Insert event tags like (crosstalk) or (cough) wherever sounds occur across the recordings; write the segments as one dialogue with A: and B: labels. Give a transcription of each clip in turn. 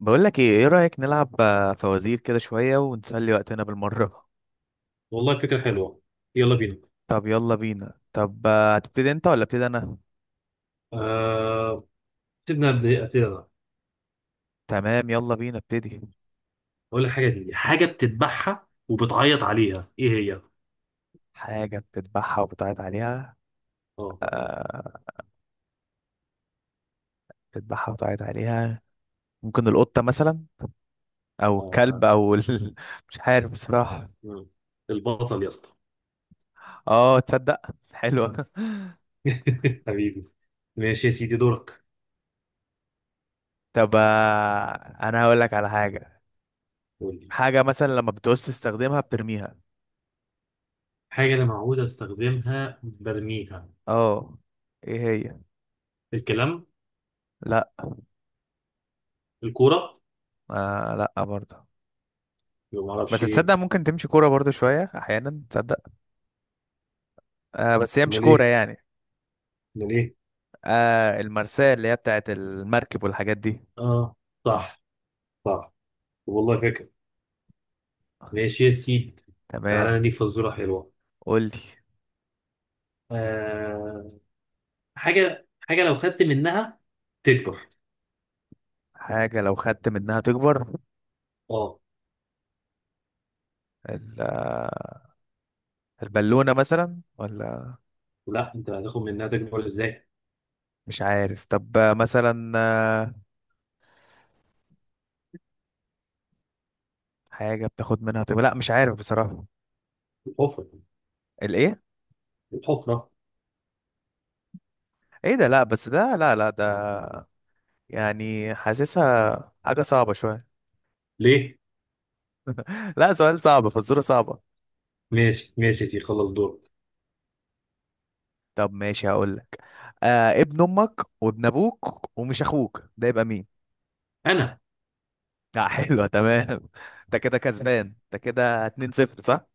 A: بقول لك ايه رأيك؟ نلعب فوازير كده شوية ونسلي وقتنا بالمرة.
B: والله فكرة حلوة. يلا بينا.
A: (laughs) طب يلا بينا. طب هتبتدي انت ولا ابتدي انا؟
B: آه... سيبنا ابتدي انا.
A: تمام، يلا بينا. ابتدي.
B: اقول لك حاجة، دي حاجة بتذبحها وبتعيط عليها، ايه هي؟
A: حاجة بتذبحها وبتعيط عليها؟
B: اه.
A: آه. بتذبحها وبتعيط عليها. ممكن القطة مثلا، او الكلب
B: آه،
A: او (laughs) مش عارف بصراحة.
B: مم. البصل يا اسطى.
A: اه، تصدق. حلوة. (laughs)
B: (laughs) حبيبي. ماشي يا سيدي، دورك.
A: طب انا هقول لك على حاجة.
B: قول لي.
A: حاجة مثلا لما بتعوز تستخدمها بترميها.
B: حاجة أنا معود أستخدمها برميها.
A: اه. ايه هي؟
B: الكلام.
A: لا.
B: الكورة.
A: آه لا، برضه.
B: ما
A: بس
B: أعرفش إيه.
A: تصدق ممكن تمشي كورة برضو شوية أحيانا، تصدق. آه، بس هي مش
B: أمال
A: كورة
B: إيه،
A: يعني.
B: أمال إيه.
A: آه، المرساة اللي هي بتاعت المركب والحاجات دي.
B: آه، صح، صح، والله فاكر. ماشي يا سيدي.
A: تمام.
B: تعالى نديك فزورة حلوة.
A: قولي.
B: آه حاجه حاجه لو خدت منها تكبر.
A: حاجة لو خدت منها تكبر.
B: اه.
A: ال- آه، البالونة مثلا ولا؟
B: لا، انت هتاخد منها تكبر ازاي؟
A: مش عارف. طب مثلا حاجة بتاخد منها تكبر. لا، مش عارف بصراحة.
B: الحفره.
A: الإيه؟
B: الحفره.
A: إيه ده؟ لا بس ده. لا لا، ده يعني حاسسها حاجة صعبة شوية.
B: ليه؟
A: (laughs) لا، سؤال صعب، فزورة صعبة.
B: ماشي ماشي يا سيدي، خلص دور.
A: طب ماشي، هقول لك. ابن امك وابن ابوك ومش اخوك، ده يبقى مين؟
B: انا.
A: (laughs) لا، حلوه. تمام. (laughs) انت كده كسبان، انت كده 2-0، صح.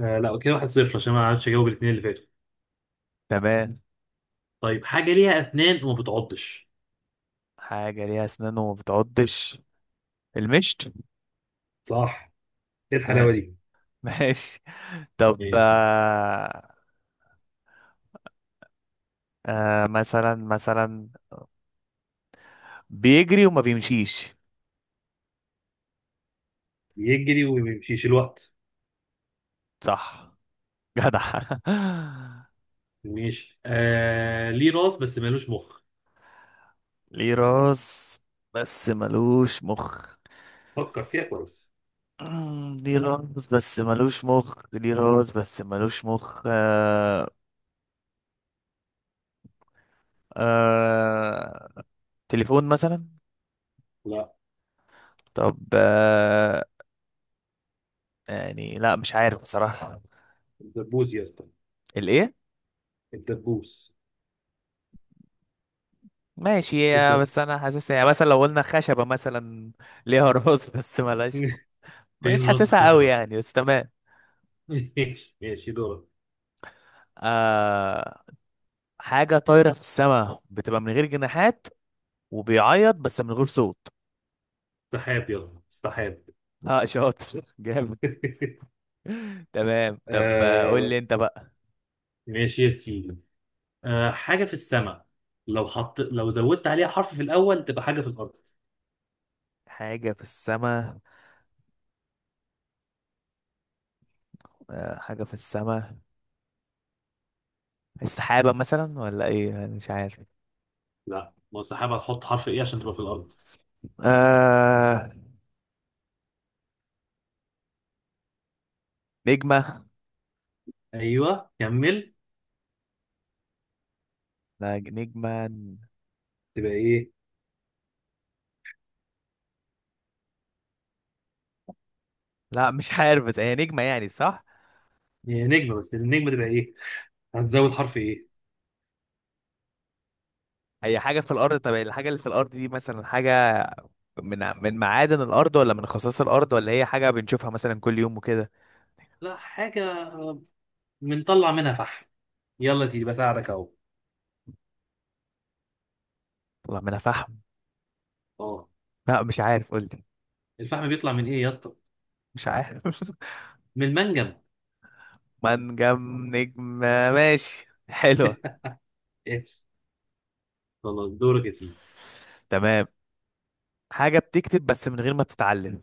B: لا، كده واحد صفر عشان ما عرفتش اجاوب الاثنين اللي فاتوا.
A: تمام.
B: طيب، حاجه ليها اسنان وما بتعضش.
A: حاجه ليها اسنان وما بتعضش. المشط.
B: صح. ايه الحلاوه
A: آه.
B: دي؟
A: ماشي. طب
B: ماشي.
A: مثلا بيجري وما بيمشيش.
B: يجري وما بيمشيش الوقت.
A: صح. جدع. (laughs)
B: ماشي. ليه راس بس مالوش مخ.
A: ليه راس بس ملوش مخ.
B: فكر فيها كويس.
A: ليه راس بس ملوش مخ، ليه راس بس ملوش مخ. آه تليفون مثلا.
B: لا.
A: طب يعني لا، مش عارف بصراحة.
B: الدبوس يا اسطى.
A: الايه؟
B: الدبوس.
A: ماشي
B: الدب.
A: بس انا حاسسها يعني، مثلا لو قلنا خشبة مثلا، ليها (laughs) راس بس ملهاش.
B: (laughs)
A: مش
B: فين راس
A: حاسسها قوي
B: الخشبه؟
A: يعني، بس تمام.
B: (laughs) ماشي ماشي، دورك.
A: آه، حاجة طايرة في السماء بتبقى من غير جناحات وبيعيط بس من غير صوت.
B: سحاب، يلا سحاب.
A: اه، شاطر. (laughs) جامد.
B: (laughs)
A: تمام. طب قول
B: آه.
A: لي انت بقى.
B: ماشي يا سيدي. حاجة في السماء، لو زودت عليها حرف في الأول تبقى حاجة في الأرض.
A: حاجة في السماء. حاجة في السماء. السحابة مثلا ولا ايه؟ أنا مش عارف.
B: لا. ما هو السحاب، هتحط حرف إيه عشان تبقى في الأرض؟
A: آه نجمة.
B: أيوه، كمل.
A: لا، نجمة.
B: تبقى إيه؟
A: لا مش عارف، بس هي نجمة يعني، صح.
B: هي نجمة، بس النجمة تبقى إيه؟ هتزود
A: نج-
B: حرف إيه؟
A: هي حاجة في الأرض. طب الحاجة اللي في الأرض دي مثلا حاجة من معادن الأرض، ولا من خصائص الأرض، ولا هي حاجة بنشوفها مثلا كل يوم وكده؟
B: لا. حاجة بنطلع منها فحم. يلا يا سيدي، بساعدك أهو.
A: والله ما أنا فاهم.
B: أه.
A: لا مش عارف، قلت.
B: الفحم بيطلع من إيه يا اسطى؟
A: مش عارف. (laughs)
B: من المنجم.
A: منجم، نجمة، ماشي، حلوة.
B: (laughs) ايش. خلاص، دورك يا سيدي.
A: تمام. حاجة بتكتب بس من غير ما بتتعلم.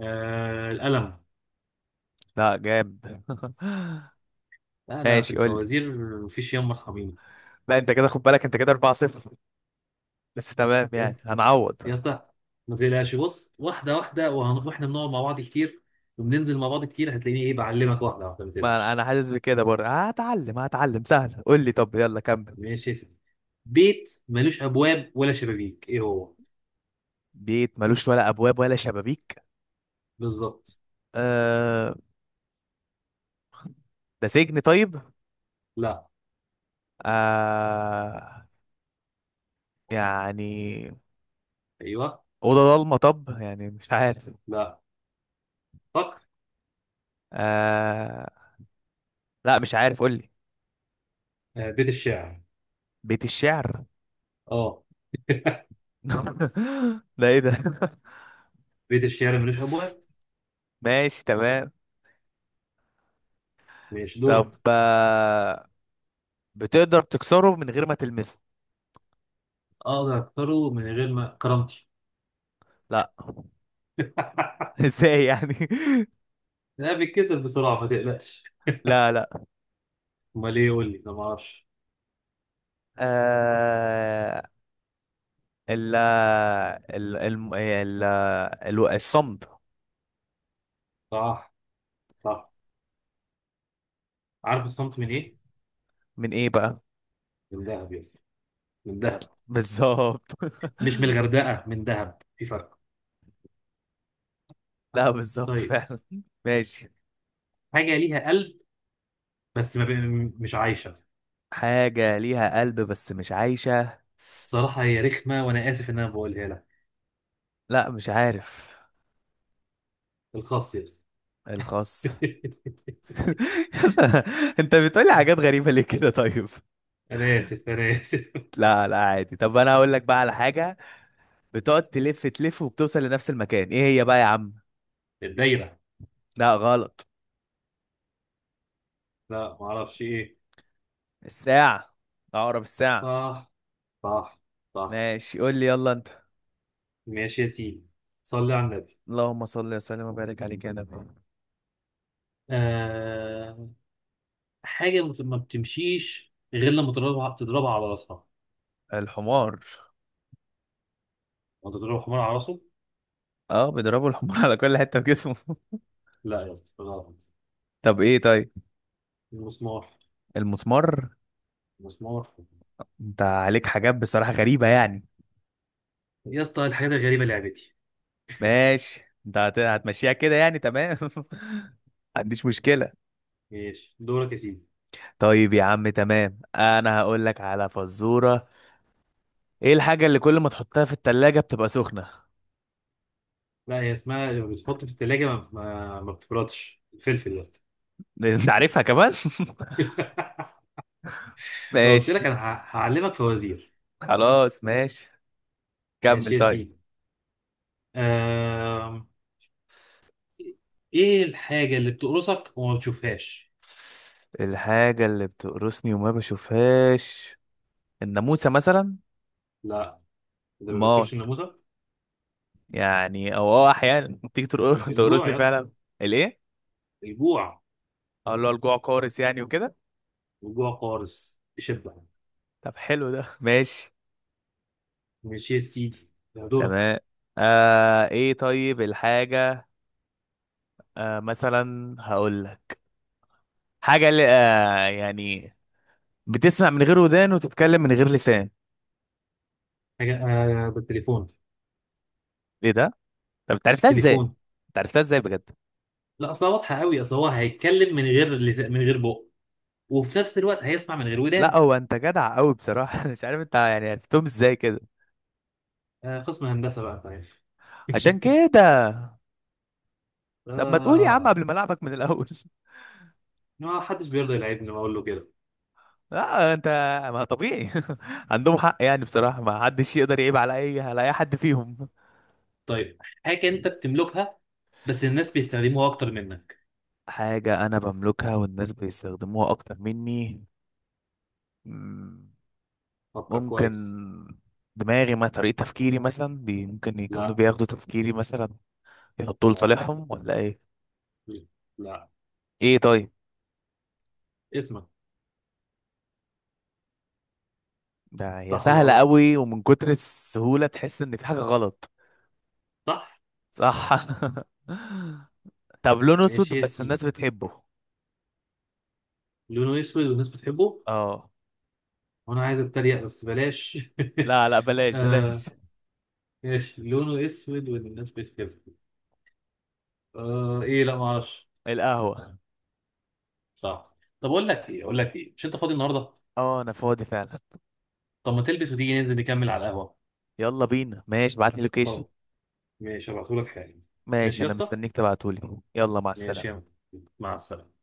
B: القلم.
A: لا جامد. (laughs)
B: لا، أنا في
A: ماشي، قول لي.
B: الفوازير. مفيش يوم مرحبين.
A: لا، انت كده خد بالك، انت كده 4-0. بس تمام
B: يا
A: يعني،
B: اسطى،
A: هنعوض.
B: يا اسطى، ما تقلقش، بص واحده واحده، واحنا بنقعد مع بعض كتير وبننزل مع بعض كتير، هتلاقيني ايه بعلمك واحده واحده، ما
A: ما انا
B: تقلقش.
A: أنا حاسس بكده برضه. هتعلم هتعلم، سهل. قول لي، طب يلا كمل.
B: ماشي يا سيدي. بيت ملوش ابواب ولا شبابيك، ايه هو؟
A: بيت ملوش ولا ابواب ولا شبابيك.
B: بالظبط.
A: آه. ده سجن، طيب.
B: لا.
A: آه. يعني
B: ايوه.
A: اوضه ضلمه، طب يعني مش عارف.
B: لا. فكر.
A: آه. لا مش عارف، قول لي.
B: بيت الشعر.
A: بيت الشعر.
B: اه. (laughs)
A: (laughs) ده ايه ده؟ (laughs)
B: بيت الشعر ملوش ابواب.
A: ماشي، تمام.
B: ماشي،
A: طب
B: دورك.
A: بتقدر تكسره من غير ما تلمسه.
B: اقدر اكسره من غير ما كرامتي.
A: لا.
B: (laughs)
A: (laughs) ازاي يعني؟ (laughs)
B: لا بيتكسر بسرعه، ما تقلقش.
A: لا لا.
B: امال ايه، قول لي، انا ما اعرفش.
A: آه... ال ال الم- ال ال الصمد.
B: صح، صح. عارف الصمت من ايه؟
A: من ايه بقى؟
B: من ذهب يا اسطى. من ذهب.
A: بالظبط.
B: مش من الغردقة، من دهب في فرق.
A: (laughs) لا، بالظبط
B: طيب.
A: فعلا. ماشي.
B: حاجة ليها قلب بس ما بي... مش عايشة.
A: حاجة ليها قلب بس مش عايشة.
B: الصراحة هي رخمة، وأنا آسف إن أنا بقولها لك.
A: لا، مش عارف.
B: الخاص يا اسطى.
A: الخاص. (laughs)
B: (laughs)
A: يا، انت بتقولي حاجات غريبة ليه كده؟ طيب،
B: أنا آسف، أنا آسف.
A: لا لا عادي. طب انا هقول لك بقى على حاجة. بتقعد تلف تلف وبتوصل لنفس المكان، ايه هي بقى يا عم؟
B: الدايرة.
A: لا غلط.
B: لا معرفش إيه.
A: الساعة. عقرب الساعة.
B: صح، صح، صح.
A: ماشي، قول لي يلا انت.
B: ماشي يا سيدي. صلي على النبي.
A: اللهم صل وسلم وبارك عليك يا نبي.
B: آه... حاجة ما بتمشيش غير لما تضربها تضربها على راسها.
A: الحمار.
B: وأنت تضرب حمار على راسه؟
A: اه، بيضربوا الحمار (laughs) على كل حتة في جسمه.
B: لا يا اسطى، غلط.
A: طب ايه طيب؟
B: المسمار.
A: المسمار.
B: المسمار.
A: انت عليك حاجات بصراحة غريبة يعني.
B: يا اسطى، الحاجات الغريبة لعبتي.
A: ماشي، انت هتمشيها كده يعني، تمام. (laughs) عنديش مشكلة.
B: ماشي، دورك يا سيدي.
A: طيب يا عم تمام، انا هقول لك على فزورة. ايه الحاجة اللي كل ما تحطها في التلاجة بتبقى سخنة؟ (laughs)
B: لا، هي اسمها لما بتحط في التلاجة ما بتبردش، الفلفل يا اسطى.
A: انت عارفها كمان؟
B: (laughs)
A: (laughs)
B: قلت لك
A: ماشي.
B: انا هعلمك فوازير.
A: خلاص ماشي، كمل
B: ماشي يا
A: طيب.
B: سيدي. آم... ايه الحاجة اللي بتقرصك وما بتشوفهاش؟
A: الحاجة اللي بتقرصني وما بشوفهاش. الناموسة مثلا.
B: لا، ده ما
A: مال.
B: بتشوفش الناموسة.
A: يعني او احيانا تيجي (laughs)
B: الجوع
A: تقرصني
B: يا اسطى.
A: فعلا. الايه؟
B: الجوع.
A: اقول له الجوع قارس، يعني وكده.
B: الجوع قارص بشدة.
A: طب حلو ده. (laughs) ماشي،
B: ماشي يا سيدي. ده دورك.
A: تمام. ايه طيب الحاجة، مثلا هقول لك حاجة اللي يعني بتسمع من غير ودان وتتكلم من غير لسان.
B: حاجة، بالتليفون.
A: ايه ده؟ طب انت عرفتها ازاي؟
B: التليفون.
A: انت عرفتها ازاي بجد؟
B: لا اصلا واضحة قوي، اصلا هو هيتكلم من غير لسان، من غير بق، وفي نفس الوقت هيسمع من غير
A: لا
B: ودان.
A: هو انت جدع قوي بصراحة. (laughs) مش عارف انت يعني عرفتهم ازاي كده.
B: قسم هندسة بقى، طيب.
A: عشان
B: (laughs)
A: كده. طب ما تقول يا عم
B: آه.
A: قبل ما العبك من الاول. (laughs)
B: ما حدش بيرضى يلعبني، بقول له كده.
A: لا انت. ما طبيعي. (laughs) عندهم حق يعني بصراحه، ما حدش يقدر يعيب على اي حد فيهم.
B: طيب، حاجة أنت بتملكها بس الناس بيستخدموها أكتر منك.
A: حاجه انا بملكها والناس بيستخدموها اكتر مني. مم،
B: فكر
A: ممكن
B: كويس.
A: دماغي، ما طريقه تفكيري مثلا بي، ممكن يكونوا
B: لا.
A: بياخدوا تفكيري مثلا يحطوه
B: لا.
A: لصالحهم، ولا ايه؟
B: لا.
A: ايه طيب.
B: اسمك.
A: ده هي
B: صح ولا
A: سهله
B: غلط؟
A: قوي ومن كتر السهوله تحس ان في حاجه غلط.
B: صح.
A: صح. (laughs) طب لونه
B: ماشي
A: اسود
B: يا
A: بس الناس
B: سيدي.
A: بتحبه.
B: لونه أسود والناس بتحبه.
A: اه.
B: وأنا عايز أتريق بس بلاش. (laughs)
A: لا لا، بلاش
B: آه
A: بلاش.
B: ماشي، لونه أسود والناس بتحبه. إيه، لا معرفش.
A: القهوة.
B: صح. طب أقول لك إيه، أقول لك إيه، مش أنت فاضي النهاردة؟
A: اه، انا فاضي فعلا.
B: طب ما تلبس وتيجي ننزل نكمل على القهوة.
A: يلا بينا، ماشي، ابعت لي لوكيشن.
B: اه. ماشي، هبعتهولك حالا.
A: (laughs) ماشي،
B: ماشي يا
A: انا
B: اسطى.
A: مستنيك تبعتولي، يلا مع
B: ماشي يا
A: السلامة.
B: عم. مع السلامة.